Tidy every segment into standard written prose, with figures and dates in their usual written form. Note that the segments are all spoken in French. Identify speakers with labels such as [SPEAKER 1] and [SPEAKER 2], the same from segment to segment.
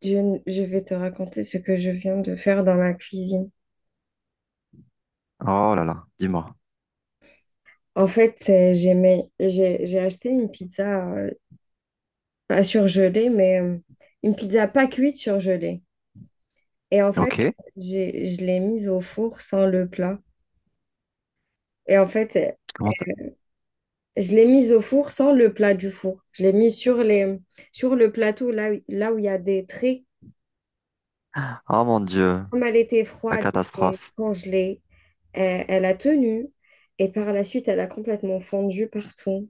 [SPEAKER 1] Je vais te raconter ce que je viens de faire dans ma cuisine.
[SPEAKER 2] Oh là là, dis-moi.
[SPEAKER 1] En fait, j'ai acheté une pizza, pas surgelée, mais une pizza pas cuite surgelée. Et en fait,
[SPEAKER 2] Ok.
[SPEAKER 1] je l'ai mise au four sans le plat. Et en fait,
[SPEAKER 2] Comment t-
[SPEAKER 1] je l'ai mise au four sans le plat du four. Je l'ai mise sur sur le plateau, là, là où il y a des traits.
[SPEAKER 2] Ah mon Dieu,
[SPEAKER 1] Comme elle était
[SPEAKER 2] la
[SPEAKER 1] froide et
[SPEAKER 2] catastrophe.
[SPEAKER 1] congelée, elle a tenu. Et par la suite, elle a complètement fondu partout.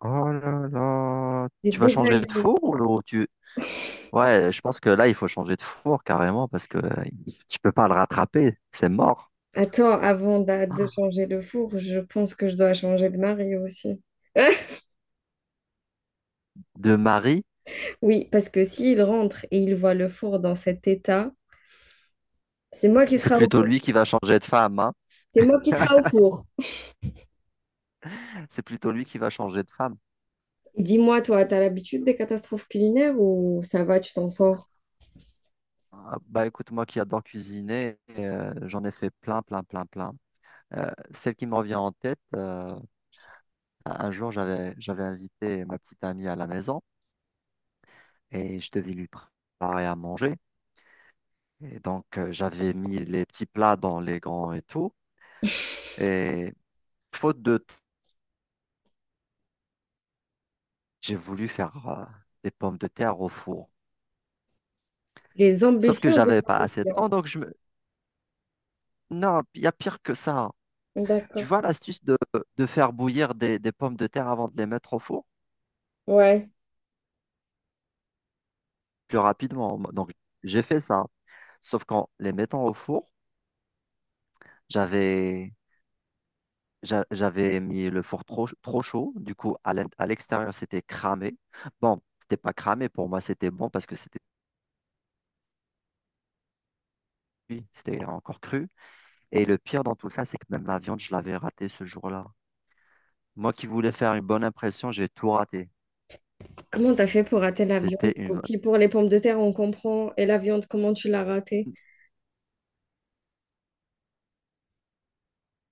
[SPEAKER 2] Oh là là,
[SPEAKER 1] J'ai
[SPEAKER 2] tu vas changer de
[SPEAKER 1] déglingué.
[SPEAKER 2] four ou tu... Ouais, je pense que là, il faut changer de four carrément parce que tu peux pas le rattraper, c'est mort.
[SPEAKER 1] Attends, avant de changer le four, je pense que je dois changer de mari aussi.
[SPEAKER 2] De mari,
[SPEAKER 1] Oui, parce que s'il rentre et il voit le four dans cet état, c'est moi qui
[SPEAKER 2] c'est
[SPEAKER 1] sera au
[SPEAKER 2] plutôt
[SPEAKER 1] four.
[SPEAKER 2] lui qui va changer de femme, hein.
[SPEAKER 1] C'est moi qui sera au four.
[SPEAKER 2] C'est plutôt lui qui va changer de femme.
[SPEAKER 1] Et dis-moi, toi, t'as l'habitude des catastrophes culinaires ou ça va, tu t'en sors?
[SPEAKER 2] Ah, bah écoute, moi qui adore cuisiner, j'en ai fait plein, plein, plein, plein. Celle qui me revient en tête, un jour, j'avais invité ma petite amie à la maison, et je devais lui préparer à manger. Et donc, j'avais mis les petits plats dans les grands et tout. Et faute de temps, j'ai voulu faire des pommes de terre au four.
[SPEAKER 1] Des
[SPEAKER 2] Sauf que
[SPEAKER 1] ambitions, des
[SPEAKER 2] j'avais pas assez de
[SPEAKER 1] ambitions.
[SPEAKER 2] temps, donc je me... Non, il y a pire que ça, hein. Tu
[SPEAKER 1] D'accord.
[SPEAKER 2] vois l'astuce de faire bouillir des pommes de terre avant de les mettre au four
[SPEAKER 1] Ouais.
[SPEAKER 2] plus rapidement. Donc, j'ai fait ça. Sauf qu'en les mettant au four, j'avais J'avais mis le four trop, trop chaud, du coup à à l'extérieur c'était cramé. Bon, c'était pas cramé, pour moi c'était bon parce que c'était cuit, c'était encore cru. Et le pire dans tout ça, c'est que même la viande, je l'avais ratée ce jour-là. Moi qui voulais faire une bonne impression, j'ai tout raté.
[SPEAKER 1] Comment t'as fait pour rater la
[SPEAKER 2] C'était
[SPEAKER 1] viande?
[SPEAKER 2] une
[SPEAKER 1] Ok,
[SPEAKER 2] vraie-
[SPEAKER 1] pour les pommes de terre, on comprend. Et la viande, comment tu l'as ratée?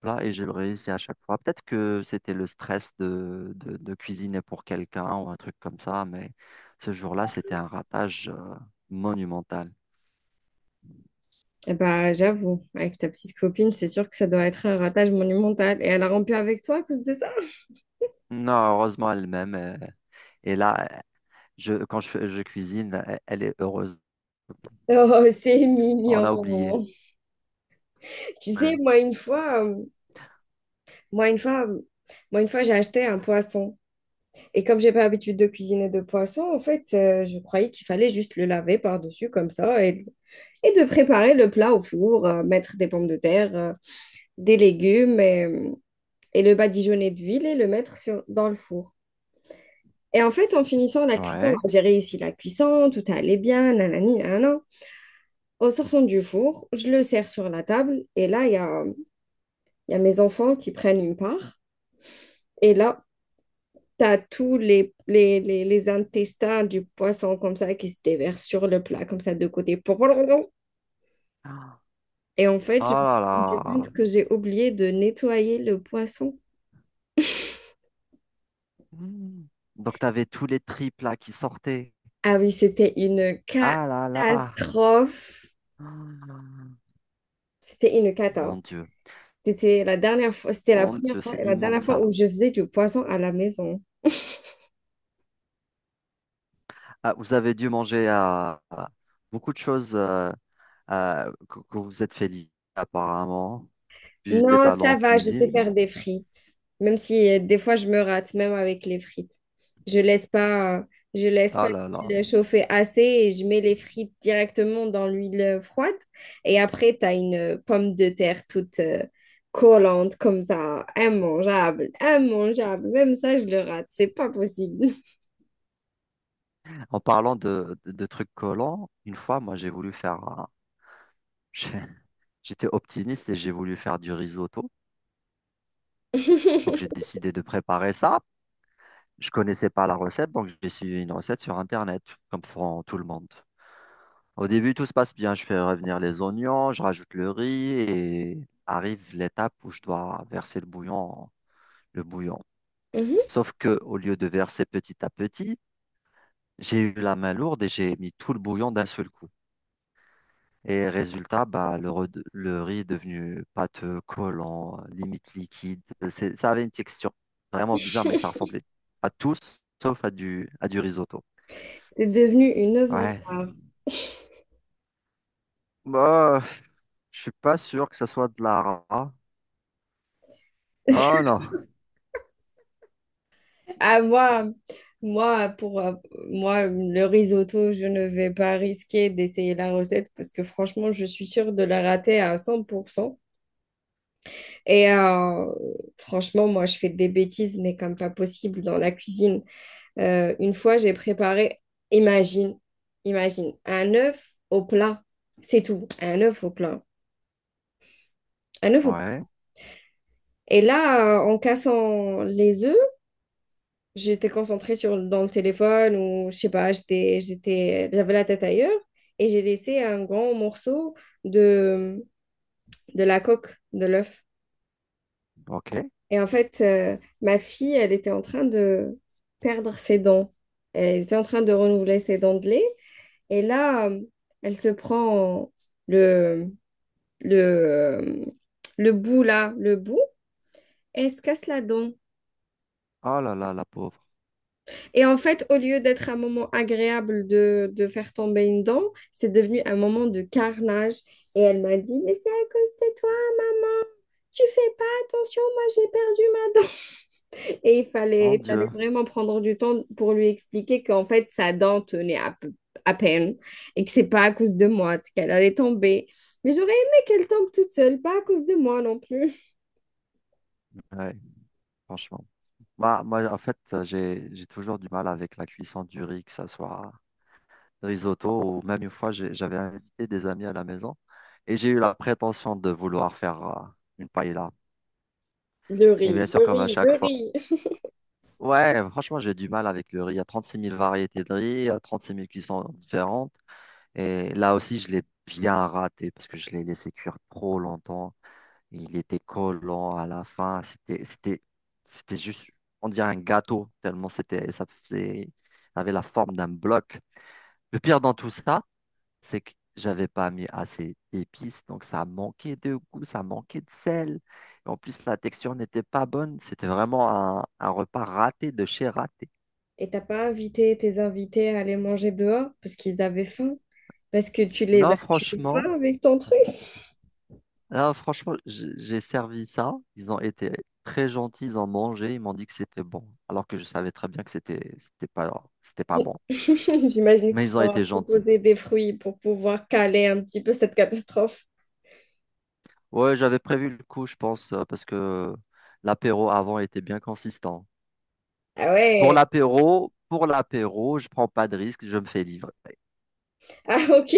[SPEAKER 2] là et j'ai le réussi à chaque fois. Peut-être que c'était le stress de cuisiner pour quelqu'un ou un truc comme ça, mais ce jour-là, c'était un ratage monumental.
[SPEAKER 1] Eh bah, j'avoue, avec ta petite copine, c'est sûr que ça doit être un ratage monumental. Et elle a rompu avec toi à cause de ça?
[SPEAKER 2] Non, heureusement elle-même, et là, Je, quand je, fais- je cuisine, elle est heureuse.
[SPEAKER 1] Oh, c'est
[SPEAKER 2] On
[SPEAKER 1] mignon.
[SPEAKER 2] a oublié.
[SPEAKER 1] Tu
[SPEAKER 2] Ouais.
[SPEAKER 1] sais, moi une fois, moi une fois, euh, moi une fois, j'ai acheté un poisson. Et comme j'ai pas l'habitude de cuisiner de poisson, en fait, je croyais qu'il fallait juste le laver par-dessus comme ça et de préparer le plat au four, mettre des pommes de terre, des légumes et le badigeonner d'huile et le mettre dans le four. Et en fait, en finissant la cuisson,
[SPEAKER 2] Ouais.
[SPEAKER 1] hein, j'ai réussi la cuisson, tout allait bien, nanani, nanana. En sortant du four, je le sers sur la table et là, il y a mes enfants qui prennent une part. Et là, tu as tous les intestins du poisson comme ça qui se déversent sur le plat, comme ça de côté.
[SPEAKER 2] Ah.
[SPEAKER 1] Et en fait, je
[SPEAKER 2] Ah
[SPEAKER 1] me suis
[SPEAKER 2] là
[SPEAKER 1] rendu
[SPEAKER 2] là.
[SPEAKER 1] compte que j'ai oublié de nettoyer le poisson.
[SPEAKER 2] Mm. Donc, tu avais tous les triples là qui sortaient.
[SPEAKER 1] Ah oui, c'était une
[SPEAKER 2] Ah là là.
[SPEAKER 1] catastrophe.
[SPEAKER 2] Ah.
[SPEAKER 1] C'était une
[SPEAKER 2] Mon
[SPEAKER 1] cata.
[SPEAKER 2] Dieu.
[SPEAKER 1] C'était la
[SPEAKER 2] Mon
[SPEAKER 1] première
[SPEAKER 2] Dieu,
[SPEAKER 1] fois
[SPEAKER 2] c'est
[SPEAKER 1] et la
[SPEAKER 2] immonde
[SPEAKER 1] dernière fois
[SPEAKER 2] ça.
[SPEAKER 1] où je faisais du poisson à la maison.
[SPEAKER 2] Ah, vous avez dû manger à, beaucoup de choses que vous vous êtes fait livrer, apparemment. Tu étais
[SPEAKER 1] Non,
[SPEAKER 2] allé
[SPEAKER 1] ça
[SPEAKER 2] en
[SPEAKER 1] va, je sais
[SPEAKER 2] cuisine, non.
[SPEAKER 1] faire des frites. Même si des fois je me rate, même avec les frites. Je laisse pas, euh, je laisse pas
[SPEAKER 2] Ah là là.
[SPEAKER 1] l'huile chauffer assez et je mets les frites directement dans l'huile froide. Et après, tu as une pomme de terre toute collante comme ça, immangeable, immangeable. Même ça, je le rate, c'est pas possible.
[SPEAKER 2] En parlant de trucs collants, une fois, moi, j'ai voulu faire un- j'ai- J'étais optimiste et j'ai voulu faire du risotto. Donc, j'ai décidé de préparer ça. Je connaissais pas la recette, donc j'ai suivi une recette sur Internet, comme font tout le monde. Au début, tout se passe bien. Je fais revenir les oignons, je rajoute le riz et arrive l'étape où je dois verser le bouillon, le bouillon.
[SPEAKER 1] Mhm.
[SPEAKER 2] Sauf que au lieu de verser petit à petit, j'ai eu la main lourde et j'ai mis tout le bouillon d'un seul coup. Et résultat, bah, le riz est devenu pâteux, collant, limite liquide. Ça avait une texture vraiment bizarre, mais ça ressemblait à tout sauf à à du risotto.
[SPEAKER 1] C'est devenu une œuvre
[SPEAKER 2] Ouais.
[SPEAKER 1] d'art.
[SPEAKER 2] Bah, je suis pas sûr que ça soit de la rat. Non, non.
[SPEAKER 1] Ah, moi, moi, pour euh, moi, le risotto, je ne vais pas risquer d'essayer la recette parce que franchement, je suis sûre de la rater à 100%. Et franchement, moi, je fais des bêtises, mais comme pas possible dans la cuisine. Une fois, imagine, imagine, un œuf au plat. C'est tout, un œuf au plat. Un œuf au plat.
[SPEAKER 2] Ouais,
[SPEAKER 1] Et là, en cassant les œufs, j'étais concentrée dans le téléphone ou je sais pas, j'avais la tête ailleurs et j'ai laissé un grand morceau de, de la coque de l'œuf.
[SPEAKER 2] ok.
[SPEAKER 1] Et en fait, ma fille, elle était en train de perdre ses dents. Elle était en train de renouveler ses dents de lait. Et là, elle se prend le, le, euh, le bout et elle se casse la dent.
[SPEAKER 2] Oh là là, la pauvre.
[SPEAKER 1] Et en fait, au lieu d'être un moment agréable de faire tomber une dent, c'est devenu un moment de carnage. Et elle m'a dit, mais c'est à cause de toi, maman. Tu fais pas attention, moi j'ai perdu ma dent. Et
[SPEAKER 2] Mon
[SPEAKER 1] il fallait
[SPEAKER 2] Dieu.
[SPEAKER 1] vraiment prendre du temps pour lui expliquer qu'en fait, sa dent tenait à peine et que c'est pas à cause de moi qu'elle allait tomber. Mais j'aurais aimé qu'elle tombe toute seule, pas à cause de moi non plus.
[SPEAKER 2] Ouais, franchement. Bah, moi, en fait, j'ai toujours du mal avec la cuisson du riz, que ça soit risotto, ou même une fois, j'avais invité des amis à la maison et j'ai eu la prétention de vouloir faire une paella.
[SPEAKER 1] Le
[SPEAKER 2] Et bien
[SPEAKER 1] riz,
[SPEAKER 2] sûr,
[SPEAKER 1] le
[SPEAKER 2] comme à
[SPEAKER 1] riz, le
[SPEAKER 2] chaque fois.
[SPEAKER 1] riz.
[SPEAKER 2] Ouais, franchement, j'ai du mal avec le riz. Il y a 36 000 variétés de riz, il y a 36 000 cuissons différentes. Et là aussi, je l'ai bien raté parce que je l'ai laissé cuire trop longtemps. Il était collant à la fin. C'était juste, on dirait un gâteau, tellement c'était, ça faisait, ça avait la forme d'un bloc. Le pire dans tout ça, c'est que j'avais pas mis assez d'épices, donc ça manquait de goût, ça manquait de sel. Et en plus, la texture n'était pas bonne. C'était vraiment un repas raté de chez raté.
[SPEAKER 1] Et t'as pas invité tes invités à aller manger dehors parce qu'ils avaient faim? Parce que tu les as
[SPEAKER 2] Non,
[SPEAKER 1] tués de
[SPEAKER 2] franchement,
[SPEAKER 1] faim avec ton truc.
[SPEAKER 2] là, franchement, j'ai servi ça. Ils ont été très gentils, ils ont mangé, ils m'ont dit que c'était bon, alors que je savais très bien que c'était pas bon.
[SPEAKER 1] J'imagine que
[SPEAKER 2] Mais
[SPEAKER 1] tu
[SPEAKER 2] ils ont
[SPEAKER 1] leur as
[SPEAKER 2] été gentils.
[SPEAKER 1] proposé des fruits pour pouvoir caler un petit peu cette catastrophe.
[SPEAKER 2] Ouais, j'avais prévu le coup, je pense, parce que l'apéro avant était bien consistant.
[SPEAKER 1] Ah ouais,
[SPEAKER 2] Pour l'apéro, je prends pas de risque, je me fais livrer.
[SPEAKER 1] ah ok.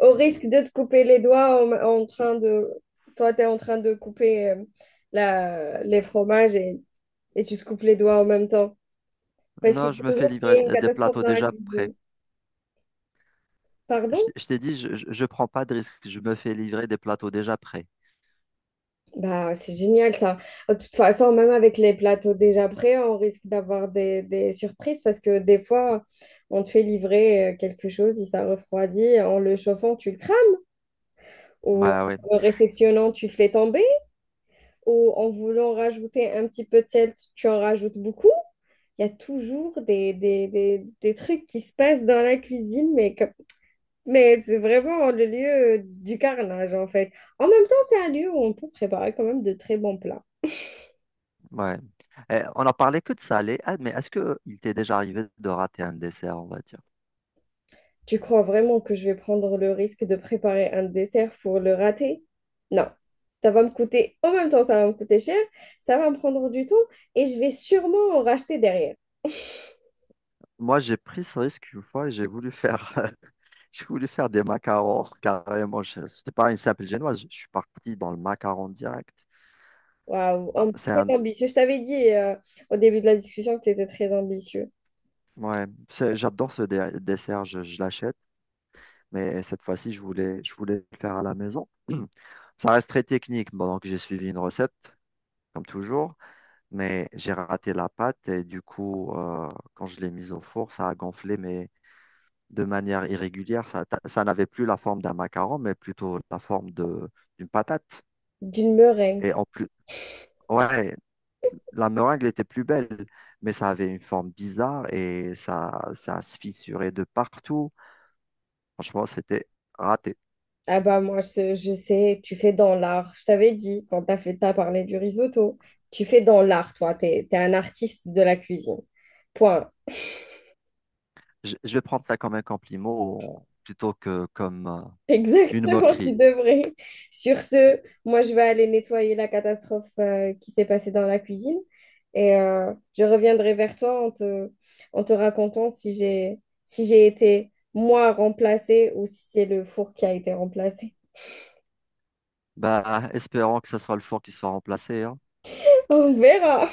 [SPEAKER 1] Au risque de te couper les doigts en train de... Toi, tu es en train de couper les fromages et tu te coupes les doigts en même temps. Parce qu'il
[SPEAKER 2] Non, je me
[SPEAKER 1] faut
[SPEAKER 2] fais
[SPEAKER 1] toujours qu'il y
[SPEAKER 2] livrer
[SPEAKER 1] ait une
[SPEAKER 2] des
[SPEAKER 1] catastrophe
[SPEAKER 2] plateaux
[SPEAKER 1] dans la
[SPEAKER 2] déjà prêts.
[SPEAKER 1] cuisine.
[SPEAKER 2] Je,
[SPEAKER 1] Pardon?
[SPEAKER 2] t- je t'ai dit, je prends pas de risque, je me fais livrer des plateaux déjà prêts.
[SPEAKER 1] Bah, c'est génial ça. De toute façon, même avec les plateaux déjà prêts, on risque d'avoir des surprises parce que des fois, on te fait livrer quelque chose, et ça refroidit, en le chauffant, tu le crames, ou
[SPEAKER 2] Bah ouais,
[SPEAKER 1] en le réceptionnant, tu le fais tomber, ou en voulant rajouter un petit peu de sel, tu en rajoutes beaucoup. Il y a toujours des trucs qui se passent dans la cuisine, mais c'est vraiment le lieu du carnage en fait. En même temps, c'est un lieu où on peut préparer quand même de très bons plats.
[SPEAKER 2] ouais. Eh, on en parlait que de salé. Ah, mais est-ce que il t'est déjà arrivé de rater un dessert, on va dire?
[SPEAKER 1] Tu crois vraiment que je vais prendre le risque de préparer un dessert pour le rater? Non. Ça va me coûter cher, ça va me prendre du temps et je vais sûrement en racheter derrière.
[SPEAKER 2] Moi, j'ai pris ce risque une fois et j'ai voulu faire, j'ai voulu faire des macarons carrément. C'était pas une simple génoise, je suis parti dans le macaron direct.
[SPEAKER 1] Waouh,
[SPEAKER 2] Bah,
[SPEAKER 1] Am-
[SPEAKER 2] c'est
[SPEAKER 1] très
[SPEAKER 2] un,
[SPEAKER 1] ambitieux. Je t'avais dit au début de la discussion que tu étais très ambitieux.
[SPEAKER 2] ouais, j'adore ce dessert, je l'achète. Mais cette fois-ci, je voulais le faire à la maison. Ça reste très technique. Bon, donc, j'ai suivi une recette, comme toujours, mais j'ai raté la pâte et du coup, quand je l'ai mise au four, ça a gonflé, mais de manière irrégulière. Ça n'avait plus la forme d'un macaron, mais plutôt la forme de, d'une patate.
[SPEAKER 1] D'une
[SPEAKER 2] Et
[SPEAKER 1] meringue.
[SPEAKER 2] en plus, ouais, la meringue était plus belle, mais ça avait une forme bizarre et ça se fissurait de partout. Franchement, c'était raté.
[SPEAKER 1] Ah bah moi, je sais, tu fais dans l'art. Je t'avais dit, t'as parlé du risotto, tu fais dans l'art, toi. T'es un artiste de la cuisine. Point.
[SPEAKER 2] Je vais prendre ça comme un compliment plutôt que comme une
[SPEAKER 1] Exactement, tu
[SPEAKER 2] moquerie.
[SPEAKER 1] devrais. Sur ce, moi, je vais aller nettoyer la catastrophe qui s'est passée dans la cuisine et je reviendrai vers en te racontant si j'ai si j'ai été moi remplacée ou si c'est le four qui a été remplacé.
[SPEAKER 2] Bah, espérons que ce soit le four qui soit remplacé, hein.
[SPEAKER 1] On verra.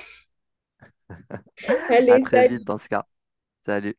[SPEAKER 2] À
[SPEAKER 1] Allez,
[SPEAKER 2] très vite
[SPEAKER 1] salut.
[SPEAKER 2] dans ce cas. Salut.